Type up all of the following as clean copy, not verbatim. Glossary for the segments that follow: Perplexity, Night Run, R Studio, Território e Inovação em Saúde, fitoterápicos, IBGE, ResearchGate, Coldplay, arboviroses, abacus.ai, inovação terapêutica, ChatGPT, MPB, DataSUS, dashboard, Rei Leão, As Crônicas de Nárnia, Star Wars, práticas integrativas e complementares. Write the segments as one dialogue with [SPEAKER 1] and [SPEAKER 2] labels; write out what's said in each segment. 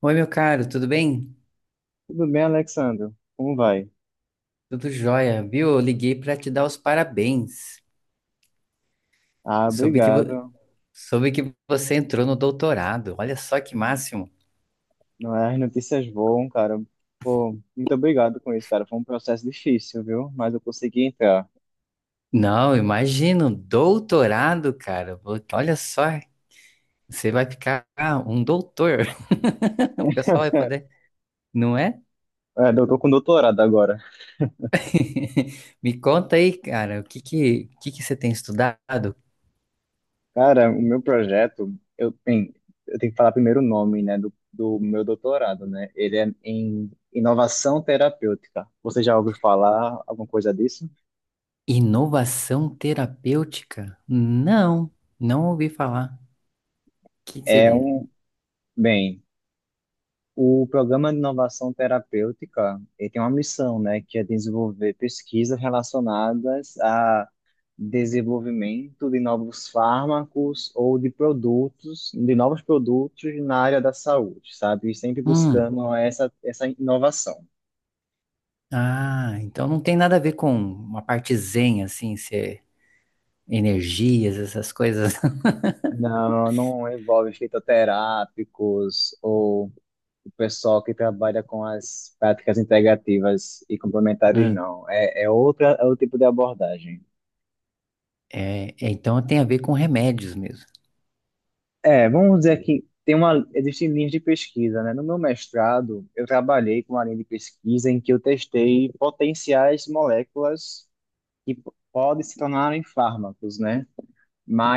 [SPEAKER 1] Oi, meu caro, tudo bem?
[SPEAKER 2] Tudo bem, Alexandre? Como vai?
[SPEAKER 1] Tudo jóia, viu? Eu liguei para te dar os parabéns.
[SPEAKER 2] Ah,
[SPEAKER 1] Soube que, vo-
[SPEAKER 2] obrigado.
[SPEAKER 1] soube que você entrou no doutorado. Olha só que máximo.
[SPEAKER 2] Não é, as notícias voam, cara. Pô, muito obrigado com isso, cara. Foi um processo difícil, viu? Mas eu consegui entrar.
[SPEAKER 1] Não, imagino, doutorado, cara. Olha só, você vai ficar um doutor. O pessoal vai poder, não é?
[SPEAKER 2] É, eu tô com doutorado agora.
[SPEAKER 1] Me conta aí, cara, o que que você tem estudado?
[SPEAKER 2] Cara, o meu projeto, eu, bem, eu tenho que falar primeiro o nome, né, do meu doutorado, né? Ele é em inovação terapêutica. Você já ouviu falar alguma coisa disso?
[SPEAKER 1] Inovação terapêutica? Não, não ouvi falar. O que que
[SPEAKER 2] É
[SPEAKER 1] seria?
[SPEAKER 2] um, bem, o programa de inovação terapêutica, ele tem uma missão, né, que é desenvolver pesquisas relacionadas a desenvolvimento de novos fármacos ou de produtos, de novos produtos na área da saúde, sabe? E sempre
[SPEAKER 1] Hum.
[SPEAKER 2] buscando essa inovação.
[SPEAKER 1] Ah, então não tem nada a ver com uma parte zen, assim, ser energias, essas coisas.
[SPEAKER 2] Não, não envolve fitoterápicos ou o pessoal que trabalha com as práticas integrativas e complementares,
[SPEAKER 1] Ah,
[SPEAKER 2] não. É, é outra, é outro tipo de abordagem.
[SPEAKER 1] É, então tem a ver com remédios mesmo.
[SPEAKER 2] É, vamos dizer que tem uma, existem linhas de pesquisa, né? No meu mestrado, eu trabalhei com uma linha de pesquisa em que eu testei potenciais moléculas podem se tornarem fármacos, né?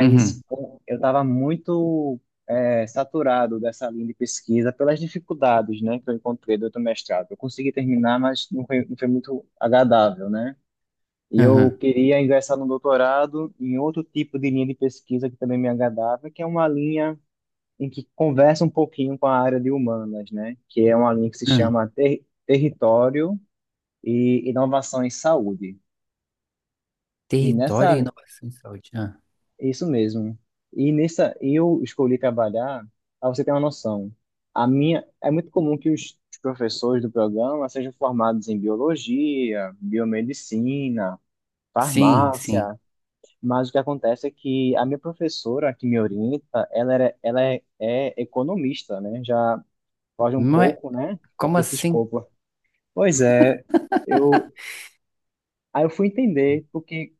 [SPEAKER 1] Uhum,
[SPEAKER 2] com- Eu estava muito saturado dessa linha de pesquisa pelas dificuldades, né, que eu encontrei durante o mestrado. Eu consegui terminar, mas não foi muito agradável, né? E eu
[SPEAKER 1] uhum,
[SPEAKER 2] queria ingressar no doutorado em outro tipo de linha de pesquisa que também me agradava, que é uma linha em que conversa um pouquinho com a área de humanas, né? Que é uma linha que se
[SPEAKER 1] uhum.
[SPEAKER 2] chama Território e Inovação em Saúde. E nessa,
[SPEAKER 1] Território e
[SPEAKER 2] li-
[SPEAKER 1] inovação em saúde. Ah,
[SPEAKER 2] isso mesmo. E nessa, e eu escolhi trabalhar, para você ter uma noção. A minha, é muito comum que os professores do programa sejam formados em biologia, biomedicina,
[SPEAKER 1] sim, sim.
[SPEAKER 2] farmácia, mas o que acontece é que a minha professora que me orienta, ela é, é economista, né? Já foge um
[SPEAKER 1] Não é,
[SPEAKER 2] pouco, né,
[SPEAKER 1] como
[SPEAKER 2] desse
[SPEAKER 1] assim?
[SPEAKER 2] escopo. Pois é, eu aí eu fui entender porque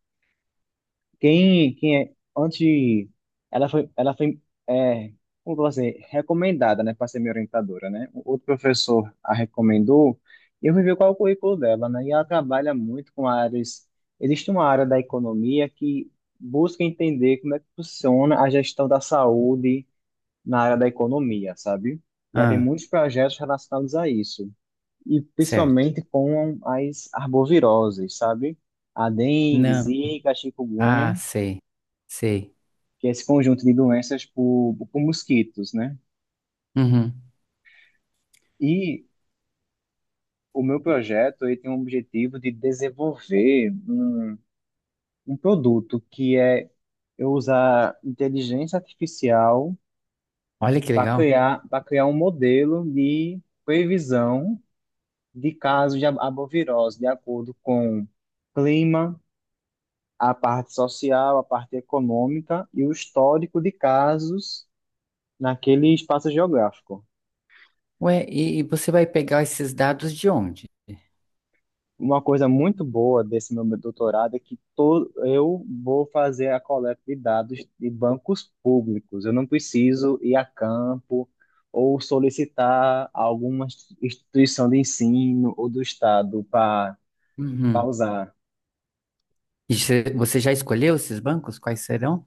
[SPEAKER 2] quem é antes ela foi é, como que eu vou dizer, recomendada, né, para ser minha orientadora, né? O outro professor a recomendou e eu fui ver qual é o currículo dela, né? E ela trabalha muito com áreas, existe uma área da economia que busca entender como é que funciona a gestão da saúde na área da economia, sabe? E ela tem
[SPEAKER 1] Ah,
[SPEAKER 2] muitos projetos relacionados a isso. E
[SPEAKER 1] certo.
[SPEAKER 2] principalmente com as arboviroses, sabe? A dengue,
[SPEAKER 1] Não.
[SPEAKER 2] zika,
[SPEAKER 1] Ah,
[SPEAKER 2] chikungunya,
[SPEAKER 1] sei, sei.
[SPEAKER 2] que é esse conjunto de doenças por mosquitos, né?
[SPEAKER 1] Uhum.
[SPEAKER 2] E o meu projeto ele tem o objetivo de desenvolver um, um produto que é eu usar inteligência artificial
[SPEAKER 1] Olha que legal.
[SPEAKER 2] para criar um modelo de previsão de casos de arbovirose de acordo com clima, a parte social, a parte econômica e o histórico de casos naquele espaço geográfico.
[SPEAKER 1] Ué, e você vai pegar esses dados de onde?
[SPEAKER 2] Uma coisa muito boa desse meu doutorado é que eu vou fazer a coleta de dados de bancos públicos. Eu não preciso ir a campo ou solicitar alguma instituição de ensino ou do Estado para
[SPEAKER 1] Uhum.
[SPEAKER 2] pausar.
[SPEAKER 1] E você já escolheu esses bancos? Quais serão?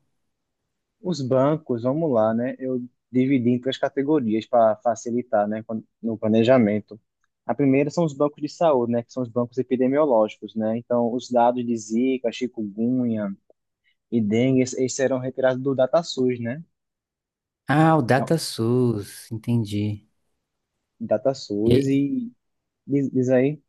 [SPEAKER 2] Os bancos, vamos lá, né? Eu dividi em três categorias para facilitar, né, no planejamento. A primeira são os bancos de saúde, né, que são os bancos epidemiológicos, né? Então, os dados de Zika, chikungunya e dengue, esses serão retirados do DataSUS, né?
[SPEAKER 1] Ah, o
[SPEAKER 2] Que é o
[SPEAKER 1] DataSUS, entendi. E,
[SPEAKER 2] DataSUS
[SPEAKER 1] aí
[SPEAKER 2] e diz aí,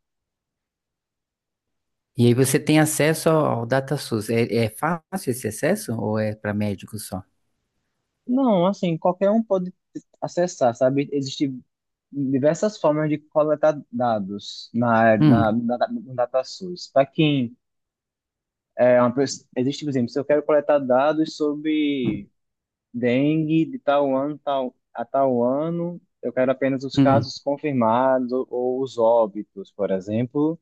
[SPEAKER 1] e aí você tem acesso ao DataSUS. É, fácil esse acesso ou é para médicos só?
[SPEAKER 2] não, assim, qualquer um pode acessar, sabe? Existem diversas formas de coletar dados
[SPEAKER 1] Hum,
[SPEAKER 2] no DataSUS. Para quem é uma, existe, por exemplo, se eu quero coletar dados sobre dengue de tal ano tal, a tal ano, eu quero apenas os
[SPEAKER 1] hum,
[SPEAKER 2] casos confirmados ou os óbitos, por exemplo,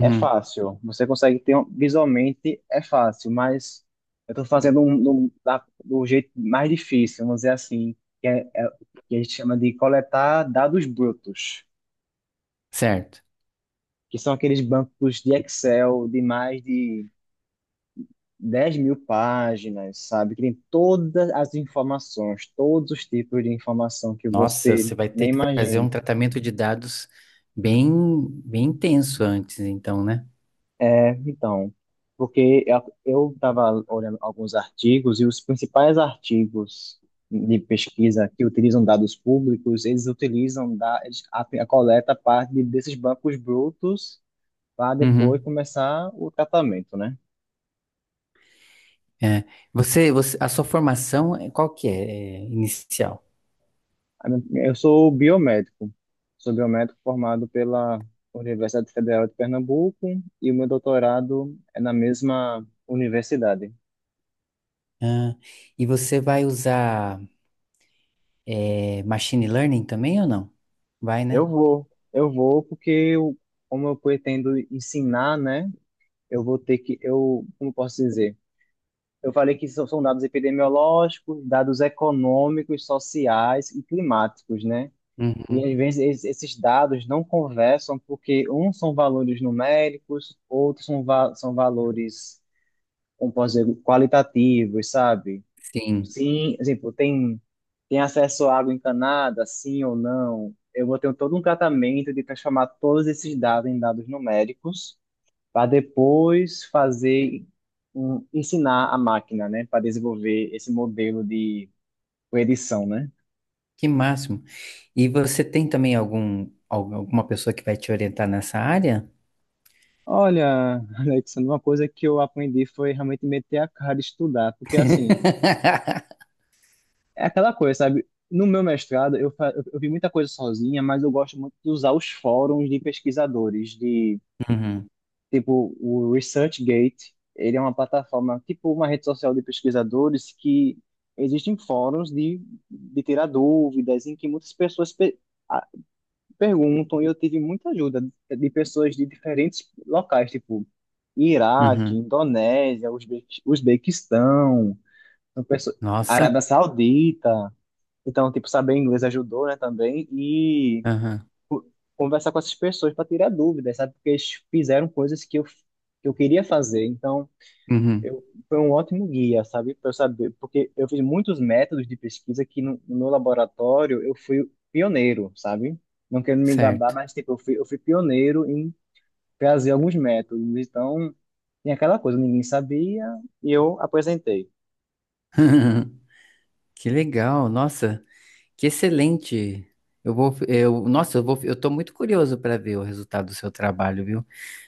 [SPEAKER 2] é fácil. Você consegue visualmente, é fácil, mas eu estou fazendo do jeito mais difícil, vamos dizer assim, que a gente chama de coletar dados brutos,
[SPEAKER 1] certo.
[SPEAKER 2] que são aqueles bancos de Excel de mais de 10 mil páginas, sabe? Que tem todas as informações, todos os tipos de informação que
[SPEAKER 1] Nossa,
[SPEAKER 2] você
[SPEAKER 1] você vai
[SPEAKER 2] nem
[SPEAKER 1] ter que fazer
[SPEAKER 2] imagina.
[SPEAKER 1] um tratamento de dados bem, bem intenso antes, então, né?
[SPEAKER 2] É, então, porque eu estava olhando alguns artigos e os principais artigos de pesquisa que utilizam dados públicos, eles utilizam da, eles, a coleta parte desses bancos brutos para depois
[SPEAKER 1] Uhum.
[SPEAKER 2] começar o tratamento, né?
[SPEAKER 1] É. Você, a sua formação, qual que é, inicial?
[SPEAKER 2] Eu sou biomédico. Sou biomédico formado pela Universidade Federal de Pernambuco e o meu doutorado é na mesma universidade.
[SPEAKER 1] Ah, e você vai usar machine learning também ou não? Vai, né?
[SPEAKER 2] Eu vou porque eu, como eu pretendo ensinar, né? Eu vou ter que, eu, como eu posso dizer? Eu falei que são dados epidemiológicos, dados econômicos, sociais e climáticos, né? E
[SPEAKER 1] Uhum.
[SPEAKER 2] às vezes esses dados não conversam porque uns são valores numéricos, outros são, são valores, como posso dizer, qualitativos, sabe?
[SPEAKER 1] Sim.
[SPEAKER 2] Sim, exemplo, tem, tem acesso à água encanada, sim ou não? Eu vou ter todo um tratamento de transformar todos esses dados em dados numéricos para depois fazer, um, ensinar a máquina, né, para desenvolver esse modelo de predição, né?
[SPEAKER 1] Que máximo. E você tem também alguma pessoa que vai te orientar nessa área?
[SPEAKER 2] Olha, Alexandre, uma coisa que eu aprendi foi realmente meter a cara de estudar, porque assim, é aquela coisa, sabe? No meu mestrado, eu vi muita coisa sozinha, mas eu gosto muito de usar os fóruns de pesquisadores, de
[SPEAKER 1] Uhum,
[SPEAKER 2] tipo o ResearchGate. Ele é uma plataforma, tipo uma rede social de pesquisadores que existem fóruns de tirar dúvidas, em que muitas pessoas a- perguntam, e eu tive muita ajuda de pessoas de diferentes locais, tipo Iraque,
[SPEAKER 1] uhum.
[SPEAKER 2] Indonésia, Uzbequistão, são Arábia
[SPEAKER 1] Nossa.
[SPEAKER 2] Saudita. Então, tipo, saber inglês ajudou, né, também. E
[SPEAKER 1] Aham,
[SPEAKER 2] co- conversar com essas pessoas para tirar dúvidas, sabe? Porque eles fizeram coisas que eu queria fazer. Então,
[SPEAKER 1] uhum.
[SPEAKER 2] eu, foi um ótimo guia, sabe? Para eu saber. Porque eu fiz muitos métodos de pesquisa que no meu laboratório eu fui pioneiro, sabe? Não quero me gabar,
[SPEAKER 1] Certo.
[SPEAKER 2] mas, tipo, eu fui pioneiro em trazer alguns métodos. Então, tem aquela coisa, ninguém sabia e eu apresentei.
[SPEAKER 1] Que legal. Nossa, que excelente. Nossa, eu tô muito curioso para ver o resultado do seu trabalho, viu?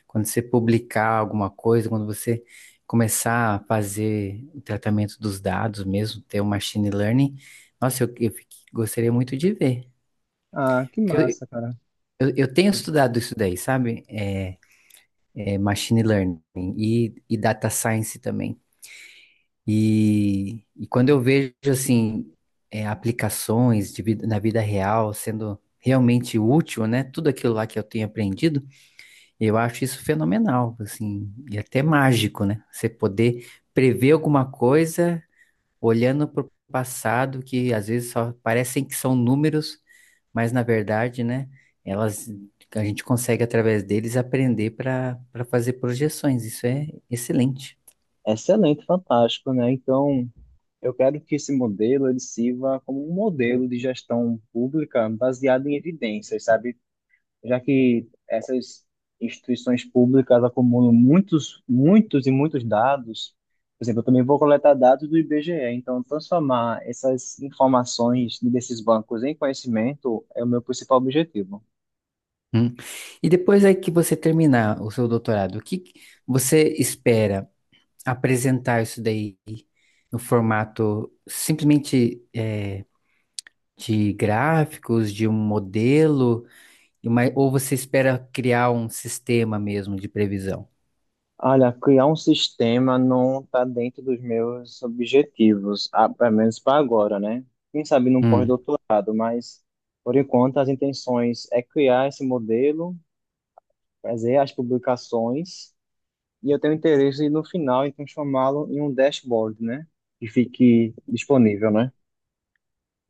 [SPEAKER 1] Quando você publicar alguma coisa, quando você começar a fazer o tratamento dos dados mesmo, ter o machine learning, nossa, eu gostaria muito de ver.
[SPEAKER 2] Ah, que
[SPEAKER 1] Porque
[SPEAKER 2] massa, cara.
[SPEAKER 1] eu tenho estudado isso daí, sabe? É machine learning e data science também. E quando eu vejo, assim, aplicações na vida real sendo realmente útil, né? Tudo aquilo lá que eu tenho aprendido, eu acho isso fenomenal, assim, e até mágico, né? Você poder prever alguma coisa olhando para o passado, que às vezes só parecem que são números, mas na verdade, né, elas, a gente consegue através deles aprender para fazer projeções. Isso é excelente.
[SPEAKER 2] Excelente, fantástico, né? Então, eu quero que esse modelo ele sirva como um modelo de gestão pública baseado em evidências, sabe? Já que essas instituições públicas acumulam muitos e muitos dados. Por exemplo, eu também vou coletar dados do IBGE, então transformar essas informações desses bancos em conhecimento é o meu principal objetivo.
[SPEAKER 1] Hum. E depois aí que você terminar o seu doutorado, o que que você espera apresentar isso daí no formato simplesmente de gráficos, de um modelo, ou você espera criar um sistema mesmo de previsão?
[SPEAKER 2] Olha, criar um sistema não está dentro dos meus objetivos, ah, pelo menos para agora, né? Quem sabe num pós-doutorado, mas por enquanto as intenções é criar esse modelo, fazer as publicações, e eu tenho interesse no final em transformá-lo em um dashboard, né? Que fique disponível, né?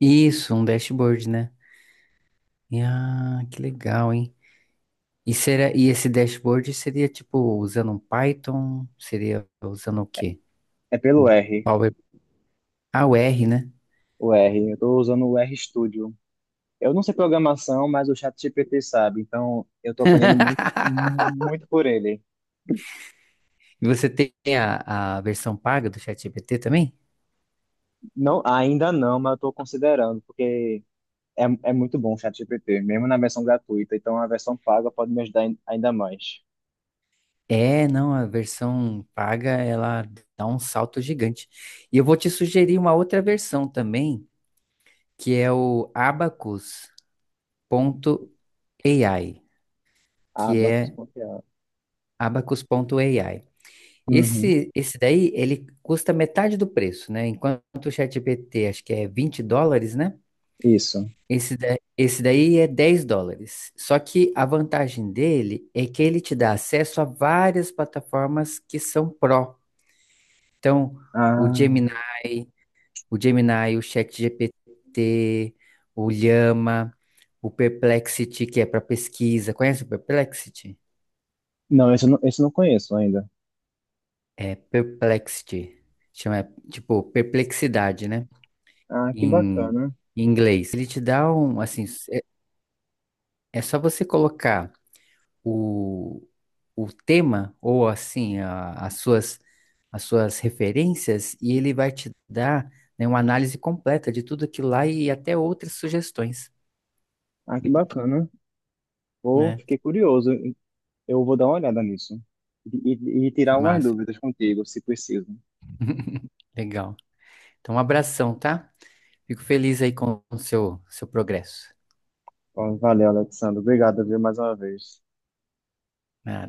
[SPEAKER 1] Isso, um dashboard, né? E, ah, que legal, hein? E, será, e esse dashboard seria tipo usando um Python? Seria usando o quê?
[SPEAKER 2] É pelo
[SPEAKER 1] Um
[SPEAKER 2] R,
[SPEAKER 1] Power. Ah, o R, né?
[SPEAKER 2] o R. Eu estou usando o R Studio. Eu não sei programação, mas o ChatGPT sabe, então eu estou aprendendo muito, muito por ele.
[SPEAKER 1] E você tem a versão paga do ChatGPT também?
[SPEAKER 2] Não, ainda não, mas eu estou considerando, porque é muito bom o ChatGPT, mesmo na versão gratuita, então a versão paga pode me ajudar ainda mais.
[SPEAKER 1] É, não, a versão paga ela dá um salto gigante. E eu vou te sugerir uma outra versão também, que é o abacus.ai,
[SPEAKER 2] Ah,
[SPEAKER 1] que
[SPEAKER 2] não dá
[SPEAKER 1] é
[SPEAKER 2] confiar.
[SPEAKER 1] abacus.ai.
[SPEAKER 2] Uhum,
[SPEAKER 1] Esse daí, ele custa metade do preço, né? Enquanto o ChatGPT, acho que é $20, né?
[SPEAKER 2] isso.
[SPEAKER 1] Esse daí é $10. Só que a vantagem dele é que ele te dá acesso a várias plataformas que são pró. Então, o
[SPEAKER 2] Ah,
[SPEAKER 1] Gemini, o Gemini, o ChatGPT, o Llama, o Perplexity, que é para pesquisa. Conhece o Perplexity?
[SPEAKER 2] não, esse eu não conheço ainda.
[SPEAKER 1] É Perplexity. Chama, tipo, perplexidade, né?
[SPEAKER 2] Ah, que
[SPEAKER 1] em
[SPEAKER 2] bacana.
[SPEAKER 1] em inglês. Ele te dá um, assim, é, é só você colocar o, o tema ou assim as suas referências e ele vai te dar, né, uma análise completa de tudo aquilo lá e até outras sugestões,
[SPEAKER 2] Ah, que bacana. Vou,
[SPEAKER 1] né?
[SPEAKER 2] fiquei curioso. Eu vou dar uma olhada nisso e
[SPEAKER 1] Que
[SPEAKER 2] tirar umas
[SPEAKER 1] massa.
[SPEAKER 2] dúvidas contigo, se preciso.
[SPEAKER 1] Legal. Então, um abração, tá? Fico feliz aí com o seu progresso.
[SPEAKER 2] Bom, valeu, Alexandre. Obrigado, viu, mais uma vez.
[SPEAKER 1] Ah,